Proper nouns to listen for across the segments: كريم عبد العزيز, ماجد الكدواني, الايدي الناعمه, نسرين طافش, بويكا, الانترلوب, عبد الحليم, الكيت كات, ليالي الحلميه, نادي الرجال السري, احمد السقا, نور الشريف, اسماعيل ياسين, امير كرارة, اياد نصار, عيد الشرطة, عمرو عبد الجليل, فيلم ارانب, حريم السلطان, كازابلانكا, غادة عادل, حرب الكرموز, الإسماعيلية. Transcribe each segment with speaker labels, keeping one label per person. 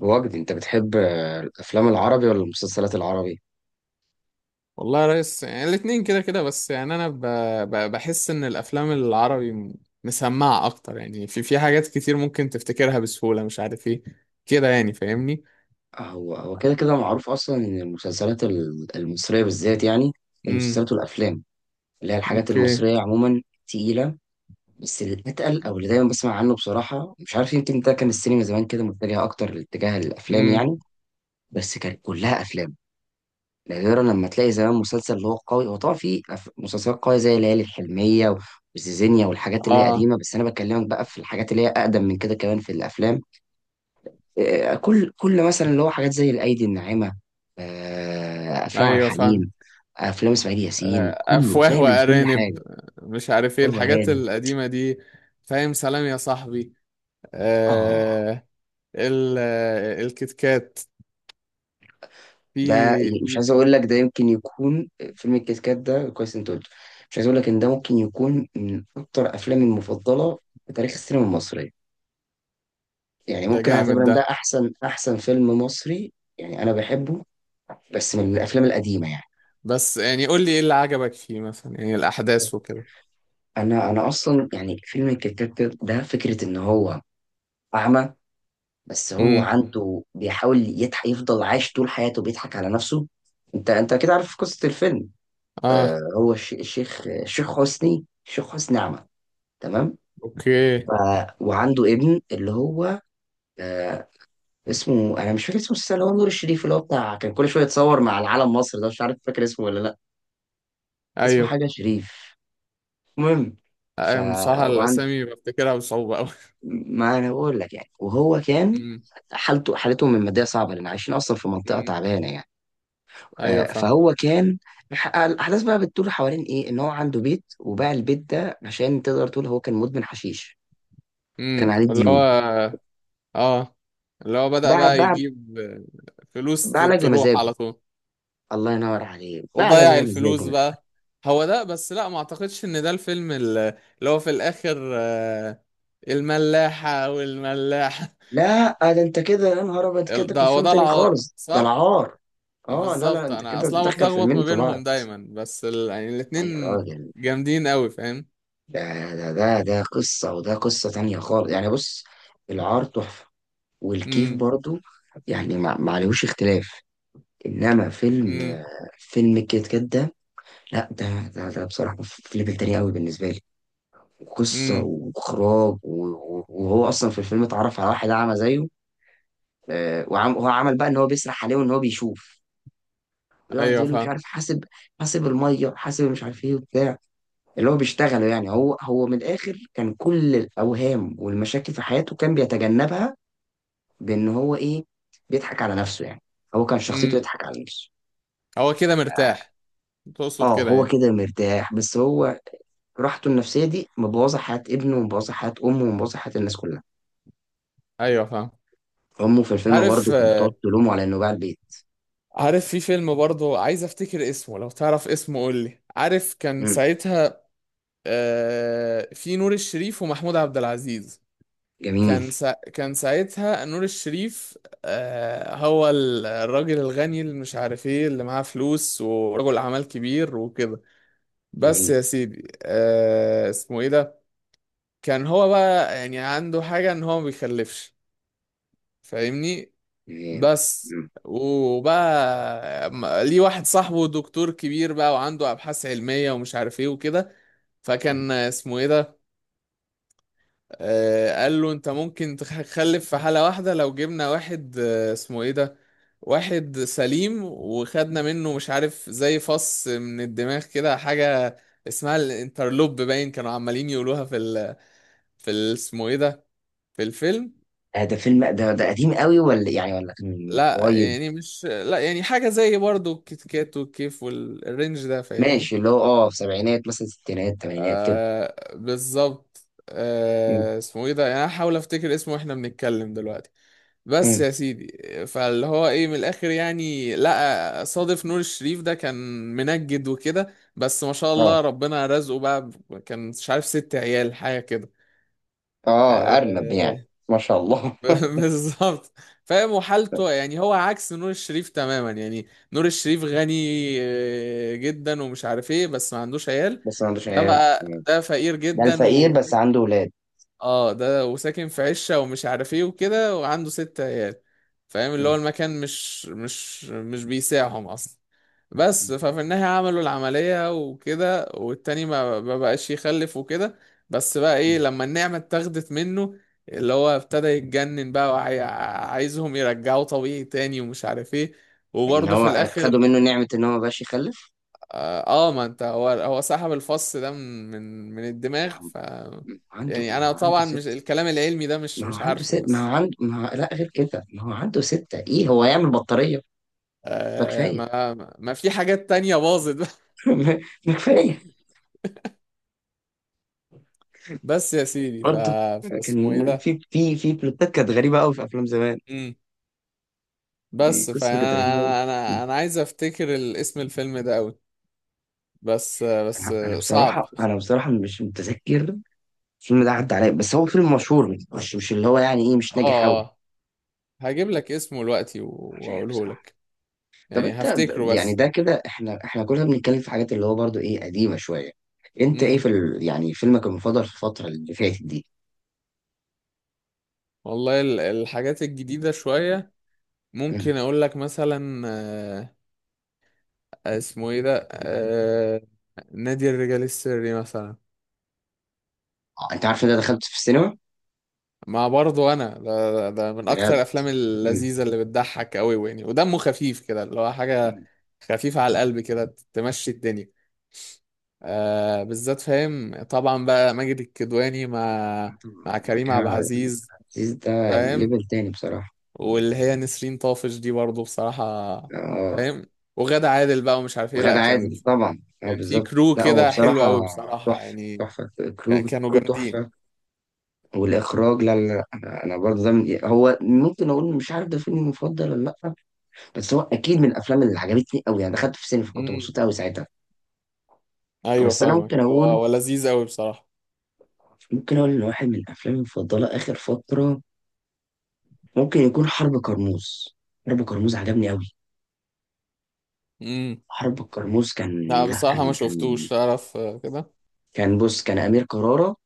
Speaker 1: وجدي، انت بتحب الافلام العربي ولا المسلسلات العربي؟
Speaker 2: والله يا ريس، يعني الاتنين كده كده. بس يعني انا بحس ان الافلام العربي مسمعة اكتر، يعني في في حاجات كتير ممكن تفتكرها بسهولة، مش عارف ايه كده، يعني فاهمني.
Speaker 1: هو كده كده معروف اصلا ان المسلسلات المصريه بالذات يعني.
Speaker 2: امم.
Speaker 1: المسلسلات والافلام، اللي هي الحاجات
Speaker 2: اوكي.
Speaker 1: المصريه عموما، تقيله. بس الاتقل، او اللي دايما بسمع عنه بصراحه، مش عارف، يمكن ده كان السينما زمان كده متجهه اكتر لاتجاه الافلام
Speaker 2: امم.
Speaker 1: يعني. بس كانت كلها افلام. نادرا لما تلاقي زمان مسلسل اللي هو قوي. هو طبعا في مسلسلات قويه زي ليالي الحلميه وزيزينيا والحاجات اللي هي
Speaker 2: اه.
Speaker 1: قديمه، بس انا بكلمك بقى في الحاجات اللي هي اقدم من كده كمان، في الافلام. كل مثلا اللي هو حاجات زي الايدي الناعمه. افلام عبد
Speaker 2: ايوه فاهم.
Speaker 1: الحليم. افلام اسماعيل ياسين، كله
Speaker 2: افواه
Speaker 1: تلاقي من كل
Speaker 2: وارانب.
Speaker 1: حاجه.
Speaker 2: مش عارف ايه
Speaker 1: فيلم
Speaker 2: الحاجات
Speaker 1: ارانب.
Speaker 2: القديمة دي. فاهم، سلام يا صاحبي.
Speaker 1: اه،
Speaker 2: آه. الكتكات.
Speaker 1: ده
Speaker 2: في
Speaker 1: مش
Speaker 2: في.
Speaker 1: عايز اقول لك، ده يمكن يكون فيلم الكيت كات، ده كويس انت قلته. مش عايز اقول لك ان ده ممكن يكون من اكتر افلامي المفضله في تاريخ السينما المصريه. يعني
Speaker 2: ده
Speaker 1: ممكن
Speaker 2: جامد
Speaker 1: اعتبر ان
Speaker 2: ده.
Speaker 1: ده احسن احسن فيلم مصري. يعني انا بحبه، بس من الافلام القديمه يعني.
Speaker 2: بس يعني قول لي ايه اللي عجبك فيه مثلا، يعني الاحداث وكده.
Speaker 1: انا اصلا يعني، فيلم الكيت كات ده، فكره ان هو اعمى، بس هو
Speaker 2: امم.
Speaker 1: عنده بيحاول يضحك، يفضل عايش طول حياته بيضحك على نفسه. انت كده عارف قصة الفيلم؟
Speaker 2: اه.
Speaker 1: آه، هو الشيخ حسني، الشيخ حسني أعمى. تمام.
Speaker 2: اوكي.
Speaker 1: ف... وعنده ابن اللي هو آه اسمه، انا مش فاكر اسمه السنة، اللي هو نور الشريف، اللي هو بتاع كان كل شوية يتصور مع العلم مصر، ده مش عارف فاكر اسمه ولا لا. اسمه
Speaker 2: ايوه.
Speaker 1: حاجة شريف. المهم، ف
Speaker 2: ايوه بصراحة
Speaker 1: وعند
Speaker 2: الاسامي بفتكرها بصعوبة قوي.
Speaker 1: ما انا بقول لك يعني، وهو كان
Speaker 2: امم.
Speaker 1: حالته، حالتهم المادية صعبة لان عايشين اصلا في منطقة
Speaker 2: امم.
Speaker 1: تعبانة يعني.
Speaker 2: ايوه فاهم.
Speaker 1: فهو كان الاحداث بقى بتدور حوالين ايه، ان هو عنده بيت وباع البيت ده، عشان تقدر تقول هو كان مدمن حشيش، كان
Speaker 2: امم،
Speaker 1: عليه
Speaker 2: اللي
Speaker 1: ديون.
Speaker 2: هو اه، اللي هو بدأ
Speaker 1: باع
Speaker 2: بقى
Speaker 1: باع
Speaker 2: يجيب فلوس
Speaker 1: باع لاجل
Speaker 2: تروح
Speaker 1: مزاجه.
Speaker 2: على طول.
Speaker 1: الله ينور عليه، باع
Speaker 2: وضيع
Speaker 1: لاجل مزاجه
Speaker 2: الفلوس
Speaker 1: من الآخر.
Speaker 2: بقى. هو ده. بس لا، ما اعتقدش ان ده الفيلم اللي هو في الاخر، الملاحة والملاحة.
Speaker 1: لا، ده انت كده يا نهار ابيض كده،
Speaker 2: ده
Speaker 1: في
Speaker 2: هو
Speaker 1: فيلم
Speaker 2: ده
Speaker 1: تاني
Speaker 2: العار
Speaker 1: خالص، ده
Speaker 2: صح.
Speaker 1: العار. اه، لا، لا،
Speaker 2: بالظبط،
Speaker 1: انت
Speaker 2: انا
Speaker 1: كده
Speaker 2: اصلا
Speaker 1: تدخل
Speaker 2: بتلخبط
Speaker 1: فيلمين
Speaker 2: ما
Speaker 1: في بعض.
Speaker 2: بينهم دايما، بس يعني
Speaker 1: لا يا
Speaker 2: الاتنين
Speaker 1: راجل.
Speaker 2: جامدين قوي، فاهم.
Speaker 1: ده ده قصة وده قصة تانية خالص يعني، بص. العار تحفة. والكيف
Speaker 2: امم.
Speaker 1: برضو، يعني ما عليهوش اختلاف. انما
Speaker 2: امم.
Speaker 1: فيلم الكيت كات ده، لا ده بصراحه في ليفل تاني قوي بالنسبه لي. قصه
Speaker 2: امم.
Speaker 1: واخراج وهو اصلا في الفيلم اتعرف على واحد اعمى زيه. وعم هو عمل بقى ان هو بيسرح عليه وان هو بيشوف، ويقعد
Speaker 2: ايوه
Speaker 1: يقول له مش
Speaker 2: فاهم.
Speaker 1: عارف حاسب. حاسب الميه، حاسب مش عارف ايه وبتاع اللي هو بيشتغله يعني. هو من الاخر كان كل الاوهام والمشاكل في حياته كان بيتجنبها، بان هو ايه، بيضحك على نفسه يعني. هو كان شخصيته
Speaker 2: امم.
Speaker 1: يضحك على نفسه.
Speaker 2: هو كده مرتاح، تقصد
Speaker 1: اه،
Speaker 2: كده
Speaker 1: هو
Speaker 2: يعني.
Speaker 1: كده مرتاح، بس هو راحته النفسية دي مبوظة حياة ابنه، ومبوظة حياة أمه، ومبوظة حياة الناس كلها.
Speaker 2: ايوه فاهم.
Speaker 1: أمه في الفيلم
Speaker 2: عارف.
Speaker 1: برضه كانت بتقعد تلومه على إنه باع البيت.
Speaker 2: عارف في فيلم برضه، عايز افتكر اسمه، لو تعرف اسمه قول لي. عارف كان
Speaker 1: مم.
Speaker 2: ساعتها في نور الشريف ومحمود عبد العزيز.
Speaker 1: جميل،
Speaker 2: كان ساعتها نور الشريف هو الراجل الغني، اللي مش عارف ايه، اللي معاه فلوس ورجل اعمال كبير وكده. بس
Speaker 1: جميل،
Speaker 2: يا سيدي، آه اسمه ايه ده. كان هو بقى يعني عنده حاجة ان هو ما بيخلفش، فاهمني.
Speaker 1: جميل.
Speaker 2: بس.
Speaker 1: مم.
Speaker 2: وبقى ليه واحد صاحبه دكتور كبير بقى، وعنده ابحاث علمية ومش عارف ايه وكده.
Speaker 1: مم.
Speaker 2: فكان اسمه ايه ده. قال له انت ممكن تخلف في حالة واحدة، لو جبنا واحد، اسمه ايه ده، واحد سليم، وخدنا منه مش عارف زي فص من الدماغ كده حاجة، اسمها الانترلوب، باين كانوا عمالين يقولوها في ال... اسمه ايه ده، في الفيلم.
Speaker 1: آه، ده فيلم ده قديم قوي، ولا يعني ولا كان من قريب؟
Speaker 2: لا يعني حاجة زي برضو الكيت كات والكيف والرينج ده، فاهمني.
Speaker 1: ماشي، اللي هو في سبعينات مثلا، ستينات، تمانينات كده.
Speaker 2: آه بالظبط.
Speaker 1: مم.
Speaker 2: آه اسمه ايه ده، يعني أنا هحاول افتكر اسمه واحنا بنتكلم دلوقتي. بس
Speaker 1: مم.
Speaker 2: يا سيدي. فاللي هو ايه من الاخر، يعني لقى صادف نور الشريف ده، كان منجد وكده. بس ما شاء
Speaker 1: اه،
Speaker 2: الله، ربنا رزقه بقى كان مش عارف ست عيال، حاجه كده.
Speaker 1: اه، أرنب يعني.
Speaker 2: آه.
Speaker 1: ما شاء الله.
Speaker 2: بالظبط. فاهم. وحالته يعني هو عكس نور الشريف تماما يعني. نور الشريف غني جدا، ومش عارف ايه، بس ما عندوش عيال.
Speaker 1: بس ما عندوش
Speaker 2: ده
Speaker 1: عيال.
Speaker 2: بقى
Speaker 1: مم.
Speaker 2: ده فقير
Speaker 1: ده
Speaker 2: جدا.
Speaker 1: الفقير بس عنده ولاد.
Speaker 2: اه. ده وساكن في عشة ومش عارف ايه وكده، وعنده ست عيال، فاهم. اللي هو
Speaker 1: مم.
Speaker 2: المكان مش بيساعهم اصلا.
Speaker 1: مم.
Speaker 2: بس ففي النهاية عملوا العملية وكده، والتاني ما ما بقاش يخلف وكده. بس بقى ايه
Speaker 1: مم.
Speaker 2: لما النعمة اتاخدت منه، اللي هو ابتدى يتجنن بقى، وعايزهم يرجعوا طبيعي تاني، ومش عارف ايه.
Speaker 1: ان
Speaker 2: وبرضه
Speaker 1: هو
Speaker 2: في
Speaker 1: خدوا
Speaker 2: الاخر.
Speaker 1: منه نعمة ان هو ما بقاش يخلف.
Speaker 2: اه. ما انت هو هو سحب الفص ده من الدماغ.
Speaker 1: ما هو ما هو عنده
Speaker 2: يعني
Speaker 1: ما
Speaker 2: انا
Speaker 1: هو عنده
Speaker 2: طبعا مش
Speaker 1: ست
Speaker 2: الكلام العلمي ده، مش مش عارفه. بس
Speaker 1: ما هو لا غير كده، ما هو عنده ستة ايه، هو يعمل بطارية؟ ما
Speaker 2: آه،
Speaker 1: كفاية.
Speaker 2: ما ما في حاجات تانية باظت بقى.
Speaker 1: ما كفاية.
Speaker 2: بس يا سيدي.
Speaker 1: برضه
Speaker 2: فاسمه ايه
Speaker 1: كان
Speaker 2: ده.
Speaker 1: في بلوتات كانت غريبة قوي في أفلام زمان.
Speaker 2: امم.
Speaker 1: دي
Speaker 2: بس
Speaker 1: قصة كانت
Speaker 2: فانا،
Speaker 1: غريبة قوي.
Speaker 2: انا انا انا أنا عايز افتكر اسم الفيلم ده قوي. بس بس. صعب.
Speaker 1: أنا بصراحة مش متذكر. الفيلم ده عدى عليا، بس هو فيلم مشهور، مش اللي هو يعني إيه مش
Speaker 2: اه.
Speaker 1: ناجح قوي.
Speaker 2: اه. هجيب لك اسمه دلوقتي
Speaker 1: مش عارف
Speaker 2: واقوله
Speaker 1: بصراحة.
Speaker 2: لك.
Speaker 1: طب
Speaker 2: يعني
Speaker 1: أنت
Speaker 2: هفتكره
Speaker 1: يعني
Speaker 2: بس.
Speaker 1: ده كده، إحنا كلنا بنتكلم في حاجات اللي هو برضه إيه قديمة شوية. أنت إيه
Speaker 2: امم.
Speaker 1: في يعني فيلمك المفضل في الفترة اللي فاتت دي؟
Speaker 2: والله الحاجات الجديدة شوية ممكن اقول لك مثلا، اسمه ايه ده، نادي الرجال السري مثلا.
Speaker 1: انت عارف ان انا دخلت في السينما
Speaker 2: مع برضه انا، ده من اكتر
Speaker 1: بجد.
Speaker 2: الافلام
Speaker 1: مم.
Speaker 2: اللذيذه اللي بتضحك قوي يعني، ودمه خفيف كده، اللي هو حاجه
Speaker 1: مم.
Speaker 2: خفيفه على القلب كده تمشي الدنيا. آه، بالذات فاهم طبعا بقى، ماجد الكدواني مع مع
Speaker 1: طبعا مع
Speaker 2: كريم عبد
Speaker 1: كده.
Speaker 2: العزيز.
Speaker 1: عزيز ده
Speaker 2: فاهم.
Speaker 1: ليفل تاني بصراحة.
Speaker 2: واللي هي نسرين طافش دي برضه بصراحه،
Speaker 1: اه.
Speaker 2: فاهم. وغادة عادل بقى، ومش عارف ايه. لا
Speaker 1: وغادة
Speaker 2: كان،
Speaker 1: عادل طبعا، اه
Speaker 2: كان في
Speaker 1: بالظبط،
Speaker 2: كرو
Speaker 1: لا هو
Speaker 2: كده حلو
Speaker 1: بصراحة
Speaker 2: قوي بصراحة
Speaker 1: تحفة
Speaker 2: يعني.
Speaker 1: تحفة. كرو،
Speaker 2: كانوا
Speaker 1: كرو
Speaker 2: جامدين.
Speaker 1: تحفة. والإخراج، لا، لا، لا، أنا برضه ده، من هو ممكن أقول مش عارف ده فيلمي المفضل ولا لأ، بس هو أكيد من الأفلام اللي عجبتني أوي، يعني دخلت في السينما فكنت
Speaker 2: امم.
Speaker 1: مبسوط أوي ساعتها.
Speaker 2: ايوه
Speaker 1: بس أنا
Speaker 2: فاهمك. هو هو لذيذ قوي بصراحة.
Speaker 1: ممكن أقول إن واحد من الأفلام المفضلة آخر فترة ممكن يكون حرب كرموز. حرب كرموز عجبني أوي.
Speaker 2: امم.
Speaker 1: حرب الكرموز كان،
Speaker 2: لا
Speaker 1: لا،
Speaker 2: بصراحة ما
Speaker 1: كان
Speaker 2: شفتوش،
Speaker 1: كان
Speaker 2: تعرف كده.
Speaker 1: كان، بص، كان أمير كرارة،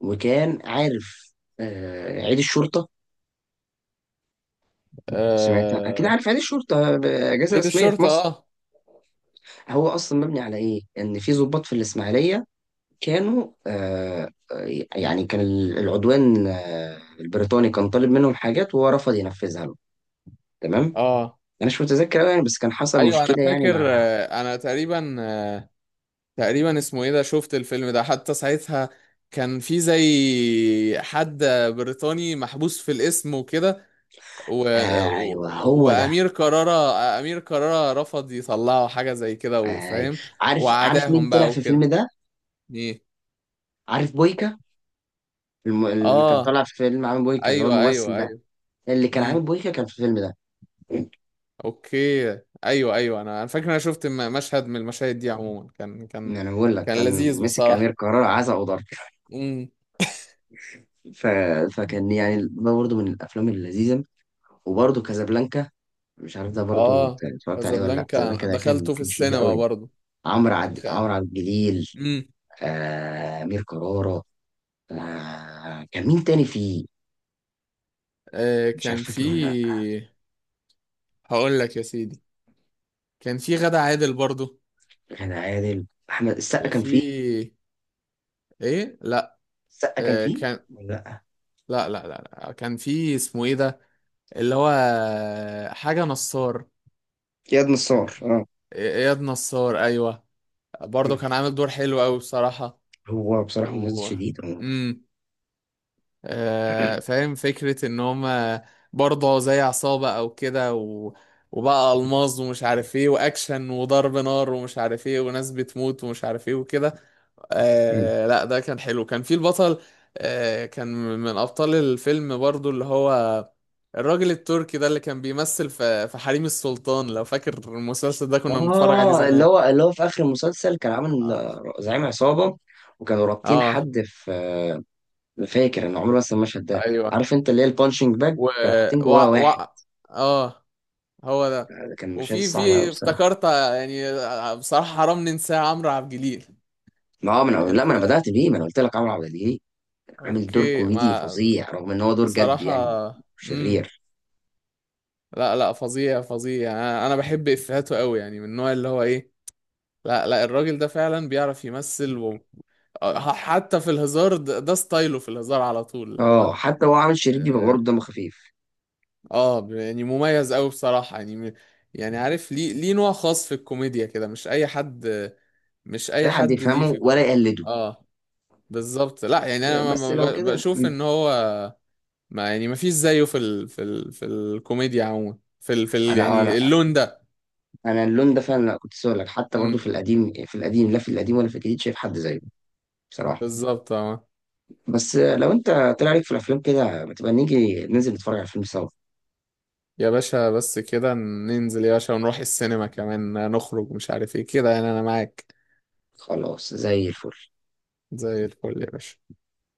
Speaker 1: وكان عارف عيد الشرطة. سمعت، أكيد
Speaker 2: آه...
Speaker 1: عارف عيد الشرطة، أجازة
Speaker 2: عيد
Speaker 1: رسمية في
Speaker 2: الشرطة.
Speaker 1: مصر.
Speaker 2: اه.
Speaker 1: هو أصلا مبني على إيه؟ إن في ضباط في الإسماعيلية كانوا يعني كان العدوان البريطاني كان طالب منهم حاجات، وهو رفض ينفذها له. تمام؟
Speaker 2: اه.
Speaker 1: أنا مش متذكر أوي يعني، بس كان حصل
Speaker 2: ايوه انا
Speaker 1: مشكلة يعني
Speaker 2: فاكر،
Speaker 1: مع.
Speaker 2: انا تقريبا، تقريبا اسمه ايه ده، شفت الفيلم ده حتى ساعتها. كان في زي حد بريطاني محبوس في الاسم وكده، و... و...
Speaker 1: أيوه، هو ده.
Speaker 2: وامير كرارة. امير كرارة رفض يطلعوا حاجه زي كده،
Speaker 1: آه،
Speaker 2: وفاهم،
Speaker 1: عارف مين
Speaker 2: وعداهم
Speaker 1: طلع
Speaker 2: بقى
Speaker 1: في
Speaker 2: وكده.
Speaker 1: الفيلم ده؟
Speaker 2: ايه.
Speaker 1: عارف بويكا؟ اللي كان
Speaker 2: اه،
Speaker 1: طالع في فيلم عامل بويكا اللي هو
Speaker 2: ايوه
Speaker 1: الممثل
Speaker 2: ايوه
Speaker 1: ده،
Speaker 2: ايوه.
Speaker 1: اللي كان عامل
Speaker 2: امم.
Speaker 1: بويكا كان في الفيلم ده.
Speaker 2: اوكي. ايوه ايوه، انا فاكر. انا شفت مشهد من المشاهد دي. عموما كان كان
Speaker 1: يعني انا بقول لك
Speaker 2: كان
Speaker 1: كان
Speaker 2: لذيذ
Speaker 1: مسك امير
Speaker 2: بصراحه.
Speaker 1: كرارة عزا وضرب.
Speaker 2: امم.
Speaker 1: ف... فكان يعني ده برضه من الافلام اللذيذه. وبرضه كازابلانكا، مش عارف ده برضه
Speaker 2: اه.
Speaker 1: اتفرجت عليه ولا لا.
Speaker 2: كازابلانكا أنا
Speaker 1: كازابلانكا ده كان
Speaker 2: دخلته في
Speaker 1: كان شديد
Speaker 2: السينما
Speaker 1: قوي.
Speaker 2: برضه. دخل-
Speaker 1: عمرو عبد الجليل،
Speaker 2: امم.
Speaker 1: امير كرارة. كان مين تاني فيه؟
Speaker 2: آه
Speaker 1: مش عارف
Speaker 2: كان في.
Speaker 1: فاكر ولا لا.
Speaker 2: هقول لك يا سيدي. كان في غادة عادل برضه.
Speaker 1: غادة عادل، احمد السقا كان فيه؟
Speaker 2: في. ايه لا.
Speaker 1: السقا كان فيه
Speaker 2: كان.
Speaker 1: ولا لا؟
Speaker 2: لا لا لا لا. كان في اسمه ايه ده، اللي هو حاجة نصار.
Speaker 1: اياد
Speaker 2: آه.
Speaker 1: نصار، اه.
Speaker 2: اياد نصار ايوه. برضه كان عامل دور حلو قوي بصراحة.
Speaker 1: هو بصراحة ممثل
Speaker 2: و.
Speaker 1: شديد، اه.
Speaker 2: امم. آه فاهم فكرة ان هما برضه زي عصابة او كده، و... وبقى ألماظ، ومش عارف ايه، واكشن وضرب نار ومش عارف ايه، وناس بتموت ومش عارف ايه وكده.
Speaker 1: مم.
Speaker 2: آه لا ده كان حلو. كان في البطل كان من أبطال الفيلم برضو اللي هو الراجل التركي ده، اللي كان بيمثل في في حريم السلطان، لو فاكر المسلسل ده كنا بنتفرج عليه
Speaker 1: اللي
Speaker 2: زمان.
Speaker 1: هو اللي هو في اخر المسلسل كان عامل
Speaker 2: اه.
Speaker 1: زعيم عصابة، وكانوا رابطين
Speaker 2: آه.
Speaker 1: حد في فاكر انا عمري ما انسى المشهد ده.
Speaker 2: ايوه.
Speaker 1: عارف انت، اللي هي البانشنج باج
Speaker 2: و
Speaker 1: كانوا حاطين
Speaker 2: و,
Speaker 1: جواه واحد.
Speaker 2: و... اه. هو ده.
Speaker 1: كان المشهد
Speaker 2: وفي
Speaker 1: صعب قوي
Speaker 2: في
Speaker 1: بصراحة.
Speaker 2: افتكرت، يعني، بصراحة حرام ننساه عمرو عبد الجليل.
Speaker 1: ما هو من، لا ما
Speaker 2: انت.
Speaker 1: انا بدأت بيه، ما انا قلت لك عمرو عبد الجليل، عامل دور
Speaker 2: اوكي
Speaker 1: كوميدي
Speaker 2: ما
Speaker 1: فظيع رغم ان هو دور جد
Speaker 2: بصراحة.
Speaker 1: يعني،
Speaker 2: امم.
Speaker 1: شرير.
Speaker 2: لا لا فظيع فظيع، يعني انا بحب افهاته قوي يعني، من النوع اللي هو ايه. لا لا الراجل ده فعلا بيعرف يمثل. حتى في الهزار، ده ستايله في الهزار على طول اللي
Speaker 1: اه،
Speaker 2: هو.
Speaker 1: حتى هو عامل شرير بيبقى برضه
Speaker 2: اه.
Speaker 1: دمه خفيف.
Speaker 2: يعني مميز قوي بصراحة. يعني عارف، ليه نوع خاص في الكوميديا كده، مش اي حد. مش
Speaker 1: مش
Speaker 2: اي
Speaker 1: اي حد
Speaker 2: حد ليه في
Speaker 1: يفهمه ولا يقلده.
Speaker 2: اه بالظبط. لا يعني انا
Speaker 1: بس لو كده.
Speaker 2: بشوف
Speaker 1: مم.
Speaker 2: ان هو ما، يعني ما فيش زيه في الكوميديا عموما،
Speaker 1: انا انا
Speaker 2: يعني اللون
Speaker 1: انا اللون ده فعلا كنت لسه اقول لك، حتى برضو
Speaker 2: ده.
Speaker 1: في القديم، لا في القديم ولا في الجديد شايف حد زيه بصراحه.
Speaker 2: بالظبط اه.
Speaker 1: بس لو انت طلع عليك في الافلام كده، ما تبقى نيجي ننزل نتفرج على الفيلم سوا.
Speaker 2: يا باشا بس كده ننزل يا باشا، ونروح السينما كمان نخرج مش عارف ايه كده، يعني انا معاك.
Speaker 1: خلاص، زي الفل.
Speaker 2: زي الفل يا باشا.